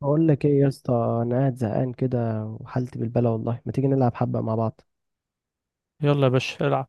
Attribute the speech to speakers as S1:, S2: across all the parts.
S1: بقول لك ايه يا اسطى، انا قاعد زهقان كده وحالتي بالبلا. والله ما تيجي نلعب حبه مع بعض؟
S2: يلا يا باشا العب.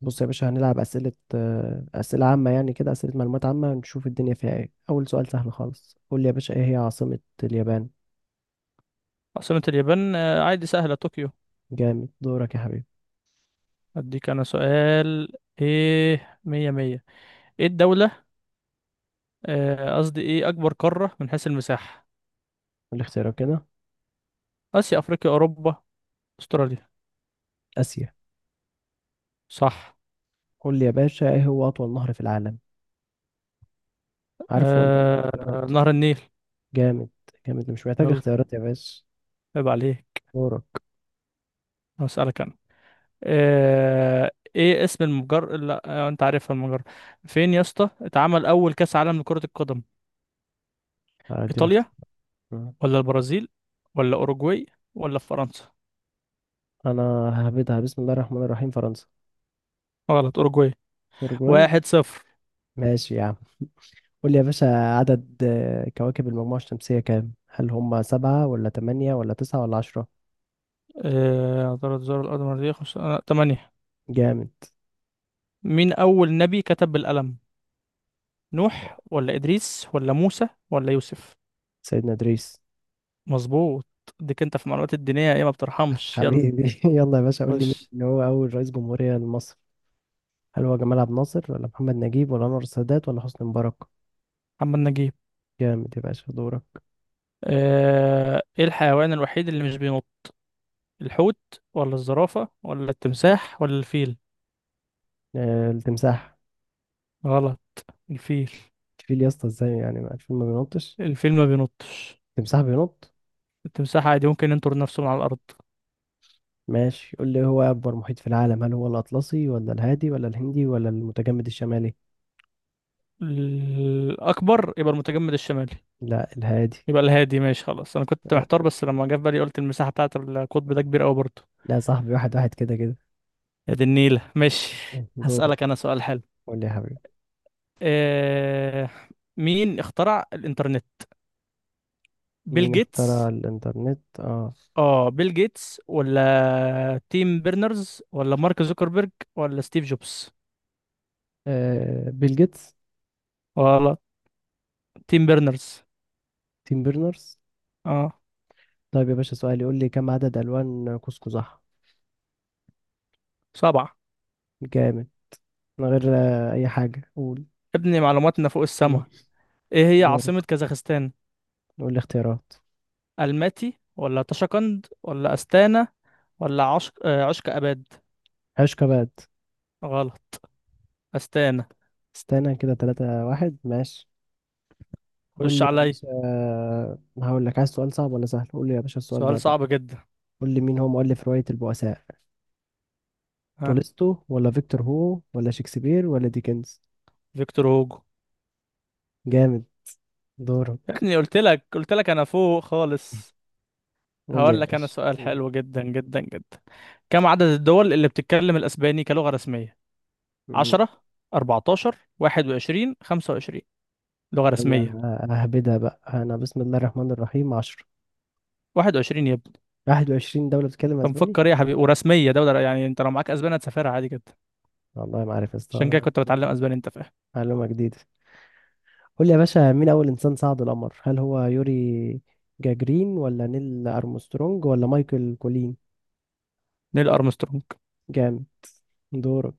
S1: بص يا باشا، هنلعب اسئله عامه، يعني كده اسئله معلومات عامه. نشوف الدنيا فيها ايه. اول سؤال سهل خالص. قول لي يا باشا، ايه هي عاصمه اليابان؟
S2: عاصمة اليابان، عادي سهلة، طوكيو.
S1: جامد. دورك يا حبيبي.
S2: أديك أنا سؤال. إيه، مية مية. إيه الدولة؟ قصدي إيه أكبر قارة من حيث المساحة؟
S1: قول لي اختيارات كده.
S2: آسيا، أفريقيا، أوروبا، أستراليا.
S1: اسيا.
S2: صح.
S1: قول لي يا باشا، ايه هو اطول نهر في العالم؟ عارفه ولا
S2: آه،
S1: اختيارات؟
S2: نهر النيل.
S1: جامد. جامد، مش محتاج
S2: يلا،
S1: اختيارات يا باشا.
S2: عيب عليك.
S1: دورك.
S2: هسألك أنا. آه، إيه اسم المجر، لا آه، أنت عارفها المجرة. فين يا اسطى اتعمل أول كأس عالم لكرة القدم؟
S1: اديني
S2: إيطاليا،
S1: اختيار.
S2: ولا البرازيل، ولا أوروجواي، ولا في فرنسا؟
S1: انا ههبدها. بسم الله الرحمن الرحيم. فرنسا.
S2: غلط، أوروجواي.
S1: اوروجواي.
S2: واحد صفر.
S1: ماشي يا عم. قول لي يا باشا. عدد كواكب المجموعة الشمسية كام؟ هل هم سبعة ولا تمانية ولا تسعة ولا عشرة؟
S2: عثرت زار الأرض مرتين. خمسة، تمانية.
S1: جامد.
S2: مين أول نبي كتب بالقلم؟ نوح، ولا إدريس، ولا موسى، ولا يوسف؟
S1: سيدنا إدريس.
S2: مظبوط. ديك أنت في المعلومات الدينية، إيه ما بترحمش؟ يلا.
S1: حبيبي. يلا يا باشا، قول لي
S2: خش.
S1: مين اللي هو أول رئيس جمهورية لمصر؟ هل هو جمال عبد الناصر ولا محمد نجيب ولا أنور السادات ولا حسني مبارك؟
S2: محمد نجيب.
S1: جامد يا باشا. دورك.
S2: إيه الحيوان الوحيد اللي مش بينط؟ الحوت، ولا الزرافة، ولا التمساح، ولا الفيل؟
S1: التمساح.
S2: غلط، الفيل.
S1: الفيل يا اسطى؟ ازاي يعني، ما الفيل ما بينطش؟
S2: الفيل ما بينطش.
S1: التمساح بينط؟
S2: التمساح عادي ممكن ينطر نفسه من على الأرض.
S1: ماشي. قول لي، هو أكبر محيط في العالم هل هو الأطلسي ولا الهادي ولا الهندي ولا المتجمد الشمالي؟
S2: الأكبر يبقى المتجمد الشمالي.
S1: لا، الهادي.
S2: يبقى الهادي، ماشي خلاص، انا كنت محتار، بس لما جه في بالي قلت المساحه بتاعت القطب ده كبيره قوي برضه.
S1: لا يا صاحبي، واحد واحد كده كده.
S2: يا دي النيله، ماشي.
S1: دورك.
S2: هسألك انا سؤال حلو.
S1: قول لي يا حبيبي.
S2: إيه... مين اخترع الانترنت؟ بيل
S1: مين اخترع
S2: جيتس،
S1: الإنترنت
S2: اه بيل جيتس، ولا تيم بيرنرز، ولا مارك زوكربيرج، ولا ستيف جوبز،
S1: بيل جيتس.
S2: ولا تيم بيرنرز.
S1: تيم بيرنرز.
S2: اه.
S1: طيب يا باشا، سؤال يقول لي كم عدد ألوان قوس.
S2: سبعة.
S1: جامد. من غير أي حاجة، قول.
S2: ابني معلوماتنا فوق
S1: مم.
S2: السما. ايه هي
S1: دورك.
S2: عاصمة كازاخستان؟
S1: قول لي اختيارات.
S2: الماتي، ولا طشقند، ولا استانا، ولا عشق اباد.
S1: عشقة بقى.
S2: غلط، استانا.
S1: استنى كده، تلاتة واحد، ماشي. قول
S2: خش
S1: لي يا
S2: عليا.
S1: باشا. هقول لك عايز سؤال صعب ولا سهل. قول لي يا باشا السؤال
S2: سؤال
S1: ده بقى.
S2: صعب جدا.
S1: قول لي مين هو مؤلف رواية البؤساء؟
S2: ها.
S1: تولستو ولا فيكتور هو ولا شكسبير ولا ديكنز؟
S2: فيكتور هوجو.
S1: جامد.
S2: يا
S1: دورك.
S2: ابني قلت لك انا فوق خالص.
S1: قول لي يا
S2: هقول لك انا
S1: باشا.
S2: سؤال حلو جدا. كم عدد الدول اللي بتتكلم الاسباني كلغة رسمية؟
S1: مم.
S2: 10، 14، 21، 25 لغة رسمية.
S1: يلا، ههبدها بقى انا. بسم الله الرحمن الرحيم. 10.
S2: 21 يا ابني.
S1: 21 دولة بتتكلم
S2: انت
S1: اسباني؟
S2: مفكر ايه يا حبيبي؟ ورسمية دولة يعني، انت لو معاك اسباني هتسافرها عادي جدا.
S1: والله ما عارف يا
S2: عشان كده
S1: اسطى.
S2: كنت بتعلم اسباني، انت فاهم.
S1: معلومة جديدة. قول لي يا باشا، مين اول انسان صعد القمر؟ هل هو يوري جاجرين ولا نيل ارمسترونج ولا مايكل كولين؟
S2: نيل ارمسترونج.
S1: جامد. دورك.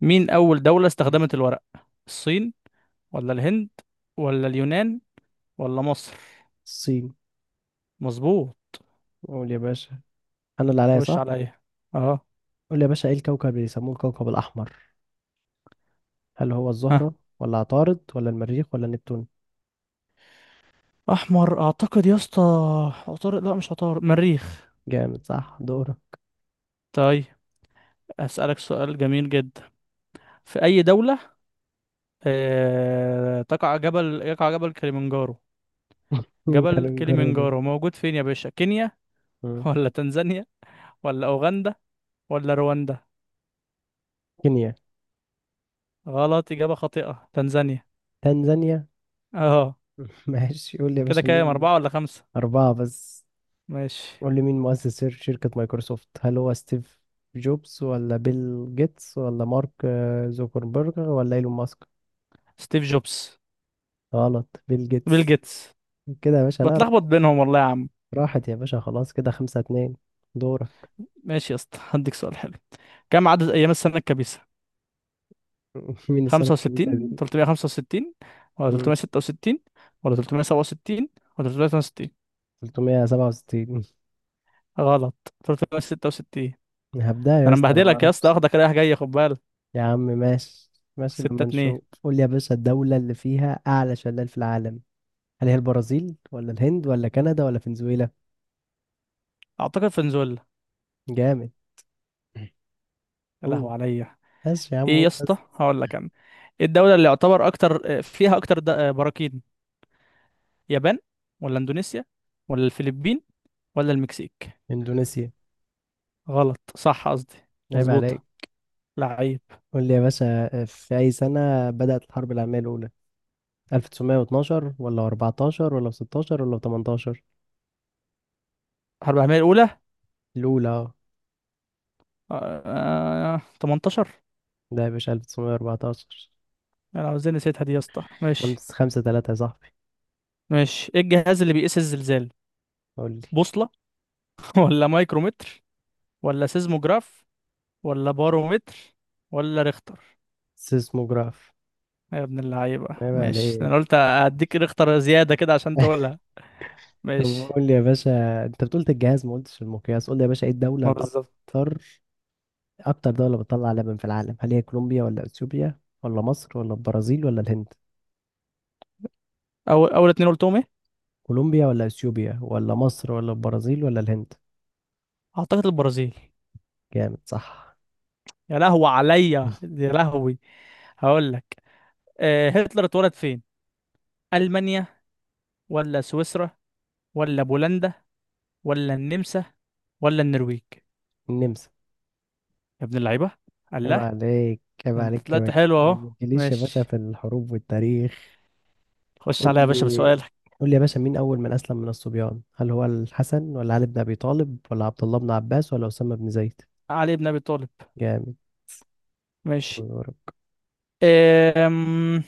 S2: مين اول دولة
S1: مم.
S2: استخدمت الورق؟ الصين، ولا الهند، ولا اليونان، ولا مصر؟
S1: الصين.
S2: مظبوط.
S1: قول يا باشا. انا اللي عليا
S2: خش
S1: صح.
S2: عليا. اه.
S1: قول لي يا باشا، ايه الكوكب اللي بيسموه الكوكب الاحمر؟ هل هو
S2: ها.
S1: الزهرة ولا عطارد ولا المريخ ولا نبتون؟
S2: احمر، اعتقد يا اسطى عطارد. لا، مش عطارد، مريخ.
S1: جامد صح. دورك.
S2: طيب، اسالك سؤال جميل جدا. في اي دوله آه... تقع جبل يقع جبل كليمنجارو؟
S1: مين
S2: جبل
S1: كان جارو ده؟
S2: كليمنجارو موجود فين يا باشا؟ كينيا،
S1: مم.
S2: ولا تنزانيا، ولا اوغندا، ولا رواندا؟
S1: كينيا.
S2: غلط، اجابه خاطئه، تنزانيا.
S1: تنزانيا.
S2: اه.
S1: ماشي. قول لي يا
S2: كده
S1: باشا،
S2: كام،
S1: مين.
S2: اربعه ولا خمسه؟
S1: أربعة بس.
S2: ماشي.
S1: قول لي مين مؤسس شركة مايكروسوفت؟ هل هو ستيف جوبز ولا بيل جيتس ولا مارك زوكربيرج ولا إيلون ماسك؟
S2: ستيف جوبز.
S1: غلط. بيل
S2: بيل
S1: جيتس.
S2: جيتس.
S1: كده يا باشا. لا
S2: بتلخبط
S1: راح-
S2: بينهم والله يا عم.
S1: راحت يا باشا، خلاص كده خمسة اتنين. دورك.
S2: ماشي يا اسطى، هديك سؤال حلو. كم عدد ايام السنه الكبيسه؟
S1: مين السنة
S2: خمسة
S1: الكبيسة دي؟
S2: وستين، تلتمية خمسة وستين، ولا
S1: مم.
S2: تلتمية ستة وستين، ولا تلتمية سبعة وستين، ولا تلتمية تمانية وستين؟
S1: 367.
S2: غلط، تلتمية ستة وستين.
S1: هبدأ.
S2: ده
S1: يا
S2: أنا
S1: اسطى، أنا ما
S2: مبهدلك يا اسطى،
S1: أعرفش.
S2: واخدك رايح جاي، خد بالك.
S1: يا عم ماشي. ماشي
S2: ستة
S1: لما
S2: اتنين.
S1: نشوف. قول لي يا باشا، الدولة اللي فيها أعلى شلال في العالم. هل هي البرازيل ولا الهند ولا كندا ولا فنزويلا؟
S2: أعتقد فنزويلا.
S1: جامد.
S2: يا
S1: قول
S2: لهوي عليا.
S1: بس يا عم،
S2: إيه يا
S1: قول
S2: اسطى،
S1: بس.
S2: هقول لك أنا. إيه الدولة اللي يعتبر أكتر فيها أكتر براكين؟ يابان، ولا إندونيسيا، ولا الفلبين، ولا المكسيك؟
S1: إندونيسيا.
S2: غلط، صح قصدي،
S1: عيب عليك.
S2: مظبوطة. لعيب.
S1: قول لي يا باشا. في أي سنة بدأت الحرب العالمية الأولى؟ 1912 ولا 14 ولا 16 ولا 18؟
S2: حرب العالمية الأولى.
S1: الأولى
S2: 18.
S1: ده يا باشا 1914.
S2: أنا عاوزين نسيتها دي يا اسطى، ماشي.
S1: خمسة خمسة تلاتة يا صاحبي.
S2: ماشي، ايه الجهاز اللي بيقيس الزلزال؟
S1: قول لي.
S2: بوصلة، ولا مايكرومتر، ولا سيزموجراف، ولا بارومتر، ولا ريختر؟
S1: سيسموجراف.
S2: يا ابن اللعيبة
S1: عيب
S2: ماشي،
S1: عليك.
S2: انا قلت هديك ريختر زيادة كده عشان تقولها.
S1: طب.
S2: ماشي.
S1: قول لي يا باشا، انت بتقول الجهاز ما قلتش المقياس. قول لي يا باشا ايه الدولة
S2: ما بالظبط.
S1: الاكثر. اكتر دولة بتطلع لبن في العالم، هل هي كولومبيا ولا اثيوبيا ولا مصر ولا البرازيل ولا الهند؟
S2: اول اول اتنين قلتهم ايه؟
S1: كولومبيا ولا اثيوبيا ولا مصر ولا البرازيل ولا الهند؟
S2: اعتقد البرازيل.
S1: جامد صح.
S2: يا لهوي عليا، يا لهوي. هقول لك. أه، هتلر اتولد فين؟ المانيا، ولا سويسرا، ولا بولندا، ولا النمسا، ولا النرويج؟
S1: النمسا.
S2: يا ابن اللعيبه.
S1: عيب
S2: الله.
S1: عليك، عيب
S2: ده انت
S1: عليك
S2: طلعت
S1: ما
S2: حلو اهو.
S1: ما تجيليش يا باشا
S2: ماشي.
S1: في الحروب والتاريخ.
S2: خش
S1: قول
S2: عليا يا باشا
S1: لي.
S2: بسؤال.
S1: قول لي يا باشا، مين اول من اسلم من الصبيان؟ هل هو الحسن ولا علي بن ابي طالب ولا عبد الله بن عباس ولا اسامة بن زيد؟
S2: علي بن ابي طالب.
S1: جامد.
S2: ماشي. أم...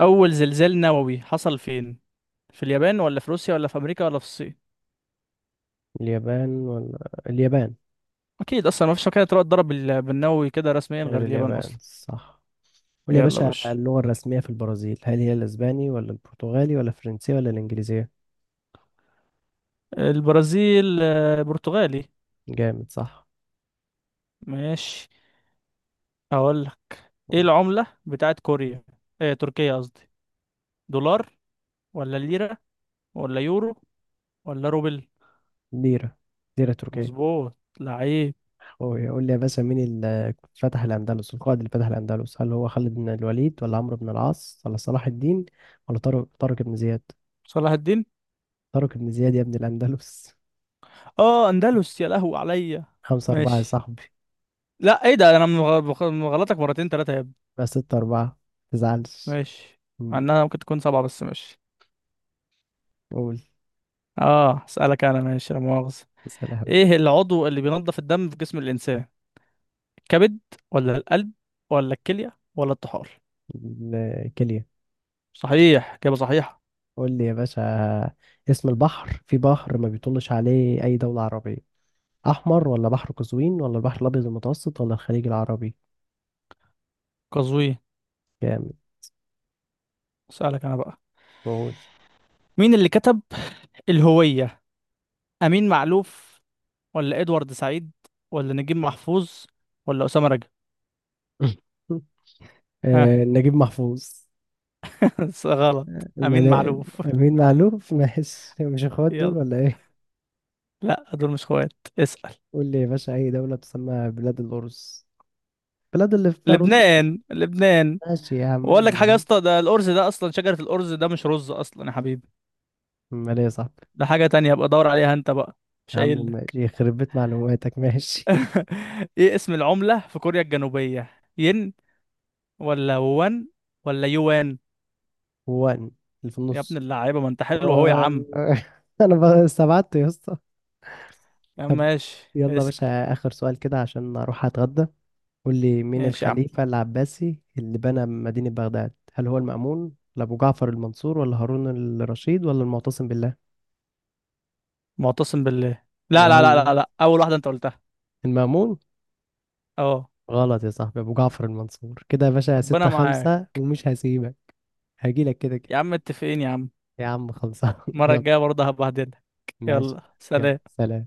S2: اول زلزال نووي حصل فين؟ في اليابان، ولا في روسيا، ولا في امريكا، ولا في الصين؟
S1: اليابان ولا اليابان.
S2: اكيد، اصلا ما فيش مكان تروح تضرب بالنووي كده رسميا غير
S1: غير
S2: اليابان
S1: اليابان،
S2: اصلا.
S1: صح. قول يا
S2: يلا يا
S1: باشا،
S2: باشا.
S1: اللغة الرسمية في البرازيل هل هي الأسباني ولا البرتغالي ولا الفرنسية ولا الإنجليزية؟
S2: البرازيل، برتغالي.
S1: جامد صح.
S2: ماشي. اقول لك. ايه العملة بتاعت كوريا؟ إيه تركيا قصدي. دولار، ولا ليرة، ولا يورو، ولا روبل؟
S1: ليرة. ليرة تركية.
S2: مظبوط. لعيب.
S1: قول لي يا باشا، مين اللي فتح الأندلس، القائد اللي فتح الأندلس، هل هو خالد بن الوليد ولا عمرو بن العاص ولا صلاح الدين ولا طارق بن زياد؟
S2: صلاح الدين.
S1: طارق بن زياد يا ابن الأندلس.
S2: اه، اندلس، يا لهو عليا.
S1: خمسة أربعة يا
S2: ماشي.
S1: صاحبي.
S2: لا ايه ده، انا مغلطك مرتين تلاتة يا ابني.
S1: بس ستة أربعة. متزعلش.
S2: ماشي. مع
S1: مم،
S2: انها ممكن تكون سبعة، بس ماشي.
S1: قول.
S2: اه، اسألك انا ماشي، لا مؤاخذة.
S1: اسأل يا حبيبي.
S2: ايه العضو اللي بينظف الدم في جسم الانسان؟ الكبد، ولا القلب، ولا الكلية، ولا الطحال؟
S1: الكلية.
S2: صحيح، إجابة صحيحة.
S1: قول لي يا باشا، اسم البحر، في بحر ما بيطلش عليه أي دولة عربية. أحمر ولا بحر قزوين ولا البحر الأبيض المتوسط ولا الخليج العربي؟
S2: قزوين.
S1: جامد.
S2: اسألك انا بقى.
S1: قول.
S2: مين اللي كتب الهوية؟ امين معلوف، ولا ادوارد سعيد، ولا نجيب محفوظ، ولا اسامة رجب؟ ها.
S1: نجيب محفوظ.
S2: غلط. امين
S1: ملا...
S2: معلوف.
S1: أمين معلوف. ماشي، مش اخوات دول
S2: يلا.
S1: ولا ايه؟
S2: لا، دول مش اخوات. اسأل.
S1: قول لي يا باشا، أي دولة تسمى بلاد الأرز؟ بلاد اللي فيها رز.
S2: لبنان، لبنان.
S1: ماشي يا عم،
S2: واقول لك حاجة يا
S1: ماشي.
S2: اسطى، ده الأرز ده أصلا شجرة الأرز، ده مش رز أصلا يا حبيبي.
S1: أمال إيه يا صاحبي؟
S2: ده حاجة تانية، ابقى دور عليها أنت بقى. مش
S1: يا عم
S2: قايل لك.
S1: ماشي، يخرب بيت معلوماتك. ماشي.
S2: إيه اسم العملة في كوريا الجنوبية؟ ين، ولا وان، ولا يوان؟
S1: وان. اللي في
S2: يا ابن
S1: النص.
S2: اللعيبة، ما أنت
S1: و...
S2: حلو أهو يا عم.
S1: أنا بقى استبعدت يا اسطى.
S2: يا عم
S1: طب.
S2: ماشي،
S1: يلا يا
S2: اسأل.
S1: باشا، آخر سؤال كده عشان أروح أتغدى. قول لي مين
S2: ماشي يا عم.
S1: الخليفة العباسي اللي بنى مدينة بغداد؟ هل هو المأمون ولا أبو جعفر المنصور ولا هارون الرشيد ولا المعتصم بالله؟
S2: معتصم بالله. لا لا لا لا
S1: غلط.
S2: لا أول واحدة أنت قلتها.
S1: المأمون.
S2: أه.
S1: غلط يا صاحبي. أبو جعفر المنصور. كده يا باشا
S2: ربنا
S1: ستة
S2: معاك.
S1: خمسة، ومش هسيبك. هجيلك كده
S2: يا
S1: كده.
S2: عم متفقين يا عم.
S1: يا عم خلصان.
S2: المرة
S1: يلا.
S2: الجاية برضه هبهدلك.
S1: ماشي.
S2: يلا
S1: يلا
S2: سلام.
S1: سلام.